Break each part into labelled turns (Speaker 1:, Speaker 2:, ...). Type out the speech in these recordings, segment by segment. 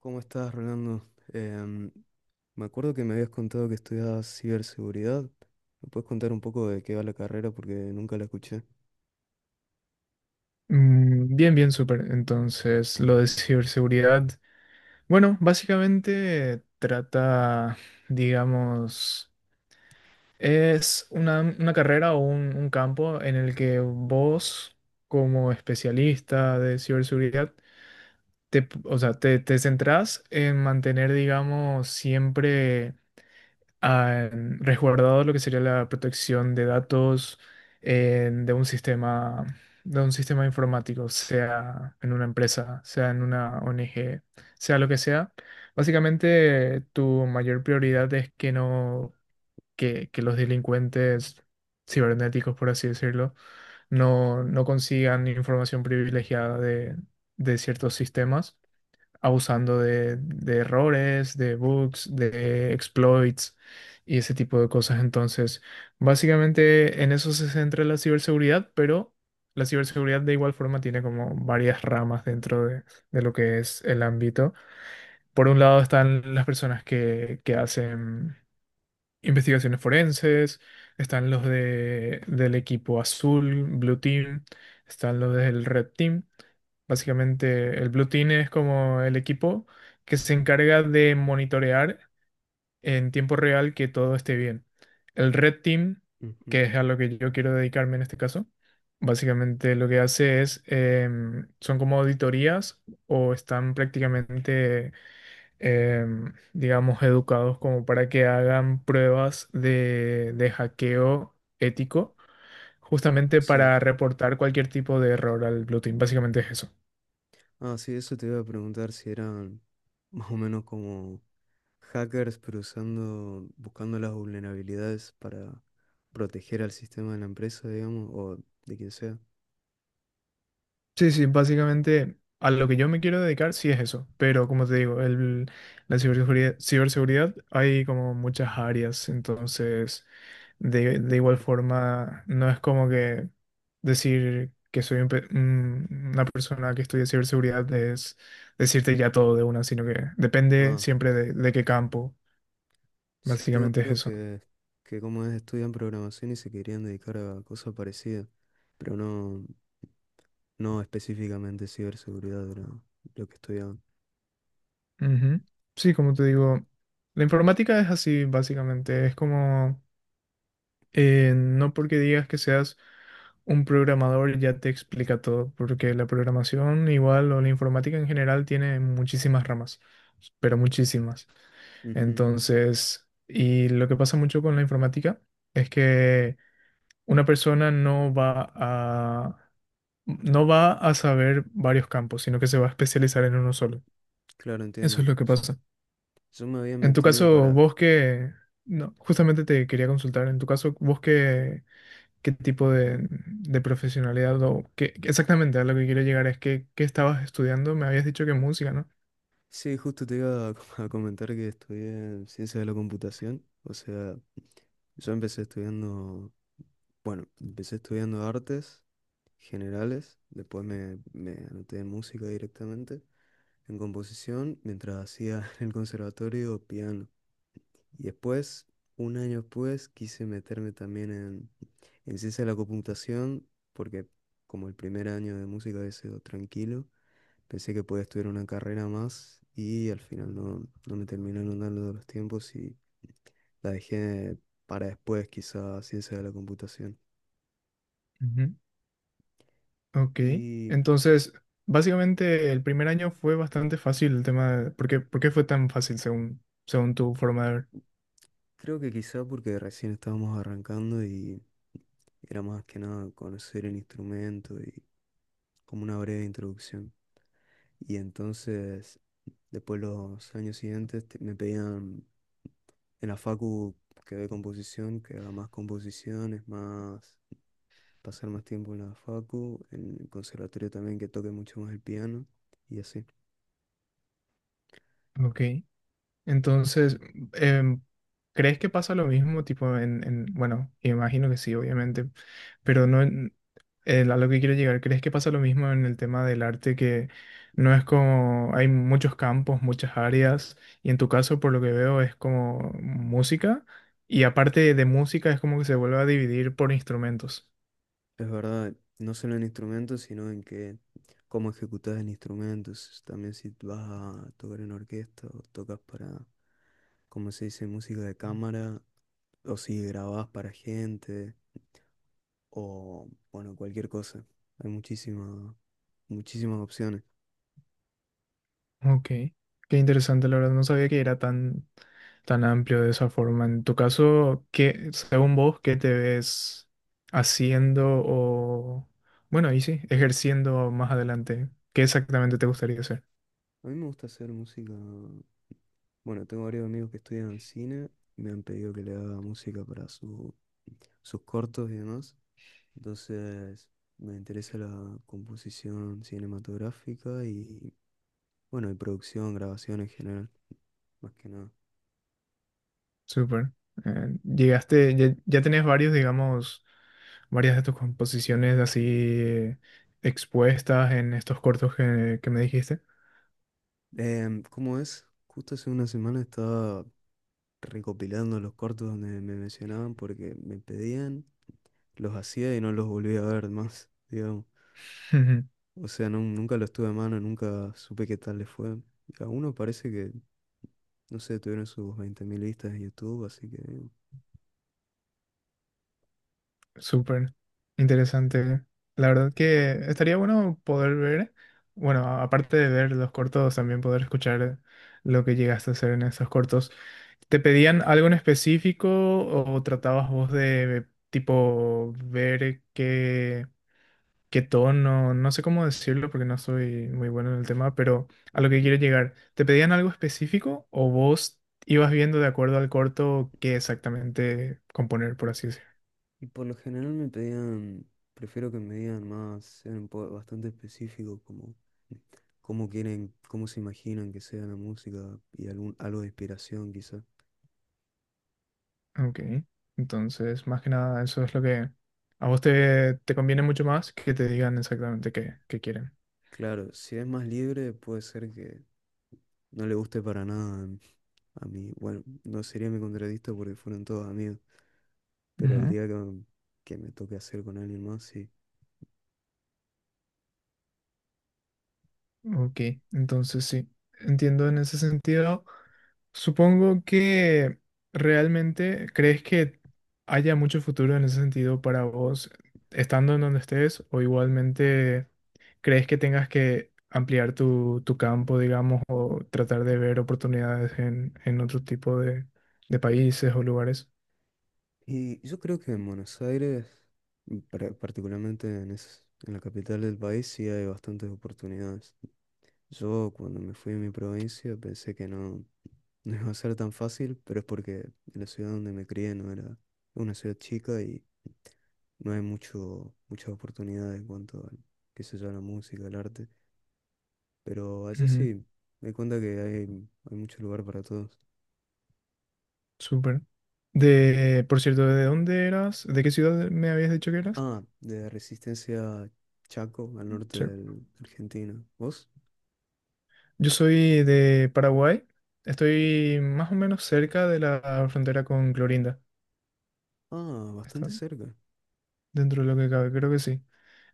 Speaker 1: ¿Cómo estás, Rolando? Em, Me acuerdo que me habías contado que estudiabas ciberseguridad. ¿Me puedes contar un poco de qué va la carrera? Porque nunca la escuché.
Speaker 2: Mm, bien, bien, súper. Entonces, lo de ciberseguridad, bueno, básicamente trata, digamos, es una carrera o un campo en el que vos, como especialista de ciberseguridad, te, o sea, te centrás en mantener, digamos, siempre han resguardado lo que sería la protección de datos en- de un sistema, de un sistema informático, sea en una empresa, sea en una ONG, sea lo que sea. Básicamente, tu mayor prioridad es que no, que los delincuentes cibernéticos, por así decirlo, no consigan información privilegiada de ciertos sistemas abusando de errores, de bugs, de exploits y ese tipo de cosas. Entonces, básicamente en eso se centra la ciberseguridad, pero la ciberseguridad de igual forma tiene como varias ramas dentro de lo que es el ámbito. Por un lado están las personas que hacen investigaciones forenses, están del equipo azul, Blue Team, están los del Red Team. Básicamente, el Blue Team es como el equipo que se encarga de monitorear en tiempo real que todo esté bien. El Red Team,
Speaker 1: Ujú.
Speaker 2: que es a lo que yo quiero dedicarme en este caso, básicamente lo que hace es, son como auditorías o están prácticamente digamos, educados como para que hagan pruebas de hackeo ético, justamente
Speaker 1: Sí.
Speaker 2: para reportar cualquier tipo de error al Blue Team. Básicamente es eso.
Speaker 1: Ah, sí, eso te iba a preguntar si eran más o menos como hackers, pero usando, buscando las vulnerabilidades para proteger al sistema de la empresa, digamos, o de quien sea.
Speaker 2: Sí, sí, básicamente a lo que yo me quiero dedicar sí es eso, pero como te digo, la ciberseguridad, ciberseguridad hay como muchas áreas, entonces de igual forma no es como que decir que soy una persona que estudia ciberseguridad es decirte ya todo de una, sino que depende
Speaker 1: Ah,
Speaker 2: siempre de qué campo,
Speaker 1: sí, tengo
Speaker 2: básicamente es
Speaker 1: amigos
Speaker 2: eso.
Speaker 1: que como es, estudian programación y se querían dedicar a cosas parecidas, pero no. No específicamente ciberseguridad era lo que estudiaba.
Speaker 2: Ujú. Sí, como te digo, la informática es así, básicamente, es como... no porque digas que seas un programador ya te explica todo, porque la programación igual o la informática en general tiene muchísimas ramas, pero muchísimas.
Speaker 1: Ujú.
Speaker 2: Entonces, y lo que pasa mucho con la informática es que una persona no va a saber varios campos, sino que se va a especializar en uno solo.
Speaker 1: Claro,
Speaker 2: Eso
Speaker 1: entiendo.
Speaker 2: es lo que
Speaker 1: S-
Speaker 2: pasa.
Speaker 1: yo me había
Speaker 2: En tu
Speaker 1: metido
Speaker 2: caso,
Speaker 1: para...
Speaker 2: vos que, no, justamente te quería consultar, en tu caso, vos que qué tipo de profesionalidad o qué, exactamente a lo que quiero llegar es que, ¿qué estabas estudiando? Me habías dicho que música, ¿no?
Speaker 1: Sí, justo te iba a com- a comentar que estudié ciencias de la computación. O sea, yo empecé estudiando, bueno, empecé estudiando artes generales, después me anoté en música directamente, en composición, mientras hacía en el conservatorio piano. Y después, un año después, quise meterme también en ciencia de la computación, porque como el primer año de música había sido tranquilo, pensé que podía estudiar una carrera más y al final no, no me terminaron dando los tiempos y la dejé para después, quizá ciencia de la computación.
Speaker 2: Ujú. Ok,
Speaker 1: Y
Speaker 2: entonces, básicamente el primer año fue bastante fácil el tema de... por qué fue tan fácil según tu forma de ver?
Speaker 1: creo que quizá porque recién estábamos arrancando y era más que nada conocer el instrumento y como una breve introducción. Y entonces, después los años siguientes te- me pedían en la facu que de composición, que haga más composiciones, más pasar más tiempo en la facu, en el conservatorio también que toque mucho más el piano y así.
Speaker 2: Ok, entonces, em, ¿crees que pasa lo mismo tipo en... Bueno, imagino que sí, obviamente, pero no, a lo que quiero llegar, ¿crees que pasa lo mismo en el tema del arte que no es como hay muchos campos, muchas áreas y en tu caso por lo que veo es como música y aparte de música es como que se vuelve a dividir por instrumentos?
Speaker 1: Es verdad, no solo en instrumentos, sino en que cómo ejecutas el instrumento, s- también si vas a tocar en orquesta o tocas para, como se dice, música de cámara, o si grabás para gente, o, bueno, cualquier cosa. Hay muchísimas, muchísimas opciones.
Speaker 2: Ok, qué interesante, la verdad, no sabía que era tan amplio de esa forma. En tu caso, ¿qué, según vos, qué te ves haciendo o, bueno, y sí, ejerciendo más adelante? ¿Qué exactamente te gustaría hacer?
Speaker 1: A mí me gusta hacer música. Bueno, tengo varios amigos que estudian cine, me han pedido que le haga música para su, sus cortos y demás. Entonces, me interesa la composición cinematográfica y, bueno, y producción, grabación en general, más que nada.
Speaker 2: Súper. Llegaste, ya tenés varios, digamos, varias de tus composiciones así expuestas en estos cortos que me dijiste.
Speaker 1: ¿Cómo es? Justo hace una semana estaba recopilando los cortos donde me mencionaban porque me pedían. Los hacía y no los volví a ver más, digamos.
Speaker 2: Ujú.
Speaker 1: O sea, nun- nunca los tuve a mano, nunca supe qué tal les fue. A uno parece que, no sé, tuvieron sus 20.000 vistas en YouTube, así que...
Speaker 2: Súper interesante. La verdad que estaría bueno poder ver, bueno, aparte de ver los cortos, también poder escuchar lo que llegaste a hacer en esos cortos. ¿Te pedían algo en específico o tratabas vos de tipo ver qué? Qué tono, no sé cómo decirlo porque no soy muy bueno en el tema, pero a lo que quiero llegar, ¿te pedían algo específico o vos ibas viendo de acuerdo al corto qué exactamente componer, por así decirlo?
Speaker 1: Y por lo general me pedían, prefiero que me digan más, sean un po- bastante específicos, como cómo quieren, cómo se imaginan que sea la música y algún, algo de inspiración quizá.
Speaker 2: Ok, entonces más que nada eso es lo que a vos te conviene mucho más que te digan exactamente qué, qué quieren.
Speaker 1: Claro, si es más libre puede ser que no le guste para nada a mí, bueno, no sería mi contradicto porque fueron todos amigos, pero el día que me toque hacer con alguien más, sí.
Speaker 2: Ok, entonces sí, entiendo en ese sentido. Supongo que realmente crees que haya mucho futuro en ese sentido para vos, estando en donde estés, o igualmente crees que tengas que ampliar tu campo, digamos, o tratar de ver oportunidades en otro tipo de países o lugares.
Speaker 1: Y yo creo que en Buenos Aires, mm, par- particularmente en, es- en la capital del país, sí hay bastantes oportunidades. Yo cuando me fui a mi provincia pensé que no, no iba a ser tan fácil, pero es porque la ciudad donde me crié no era una ciudad chica y no hay mucho, muchas oportunidades en cuanto a, qué sé yo, a la música, al arte. Pero allá
Speaker 2: Ujú.
Speaker 1: sí, me di cuenta que hay mucho lugar para todos.
Speaker 2: Súper. De, por cierto, ¿de dónde eras? ¿De qué ciudad me habías dicho que eras?
Speaker 1: Ah, de Resistencia, Chaco, al norte
Speaker 2: Sí.
Speaker 1: del- de Argentina. ¿Vos?
Speaker 2: Yo soy de Paraguay. Estoy más o menos cerca de la frontera con Clorinda.
Speaker 1: Ah,
Speaker 2: Está-
Speaker 1: bastante cerca.
Speaker 2: Dentro de lo que cabe, creo que sí.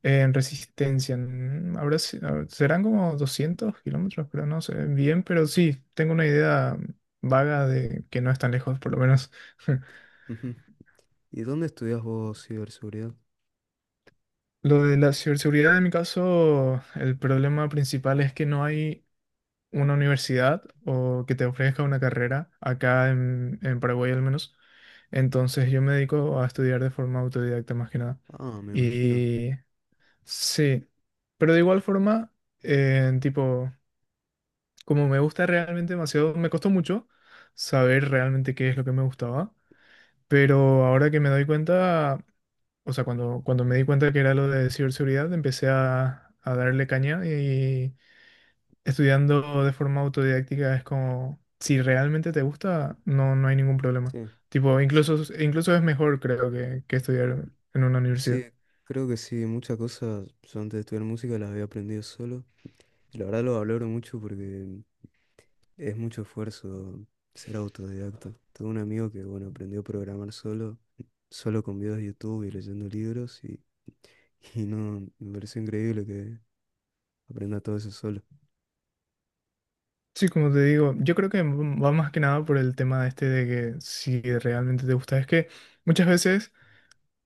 Speaker 2: En Resistencia, mm, habrá si- a- serán como 200 kilómetros, pero no sé bien, pero sí, tengo una idea vaga de que no es tan lejos, por lo menos.
Speaker 1: Ujú. ¿Y dónde estudias vos ciberseguridad?
Speaker 2: Lo de la ciberseguridad, en mi caso, el problema principal es que no hay una universidad o que te ofrezca una carrera, acá en Paraguay al menos. Entonces yo me dedico a estudiar de forma autodidacta más que nada.
Speaker 1: Ah, me imagino.
Speaker 2: Sí, pero de igual forma, tipo, como me gusta realmente demasiado, me costó mucho saber realmente qué es lo que me gustaba, pero ahora que me doy cuenta, o sea, cuando me di cuenta que era lo de ciberseguridad, empecé a darle caña y estudiando de forma autodidáctica es como, si realmente te gusta, no hay ningún problema.
Speaker 1: Sí,
Speaker 2: Tipo,
Speaker 1: sí,
Speaker 2: incluso es mejor, creo, que estudiar en una
Speaker 1: sí,
Speaker 2: universidad.
Speaker 1: creo que sí, muchas cosas yo antes de estudiar música las había aprendido solo. Y la verdad lo valoro mucho porque es mucho esfuerzo ser autodidacta. Tengo un amigo que, bueno, aprendió a programar solo, solo con videos de YouTube y leyendo libros y no, me parece increíble que aprenda todo eso solo.
Speaker 2: Sí, como te digo, yo creo que va más que nada por el tema este de que si realmente te gusta. Es que muchas veces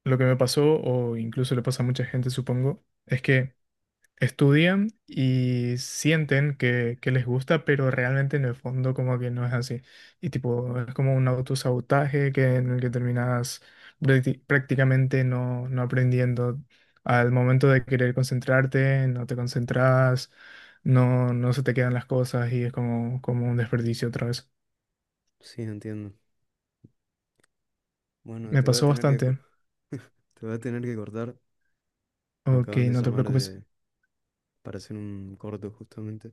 Speaker 2: lo que me pasó, o incluso le pasa a mucha gente, supongo, es que estudian y sienten que les gusta, pero realmente en el fondo como que no es así. Y tipo, es como un autosabotaje en el que terminas prácticamente no aprendiendo. Al momento de querer concentrarte, no te concentras, no se te quedan las cosas y es como, como un desperdicio otra vez.
Speaker 1: Sí, entiendo. Bueno,
Speaker 2: Me
Speaker 1: te voy a
Speaker 2: pasó
Speaker 1: tener que, co-
Speaker 2: bastante.
Speaker 1: te voy a tener que cortar. Me
Speaker 2: Ok,
Speaker 1: acaban de
Speaker 2: no te
Speaker 1: llamar
Speaker 2: preocupes.
Speaker 1: de, para hacer un corto justamente.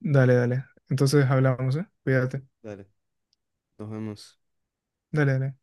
Speaker 2: Dale, dale. Entonces hablamos, ¿eh? Cuídate.
Speaker 1: Dale, nos vemos.
Speaker 2: Dale, dale.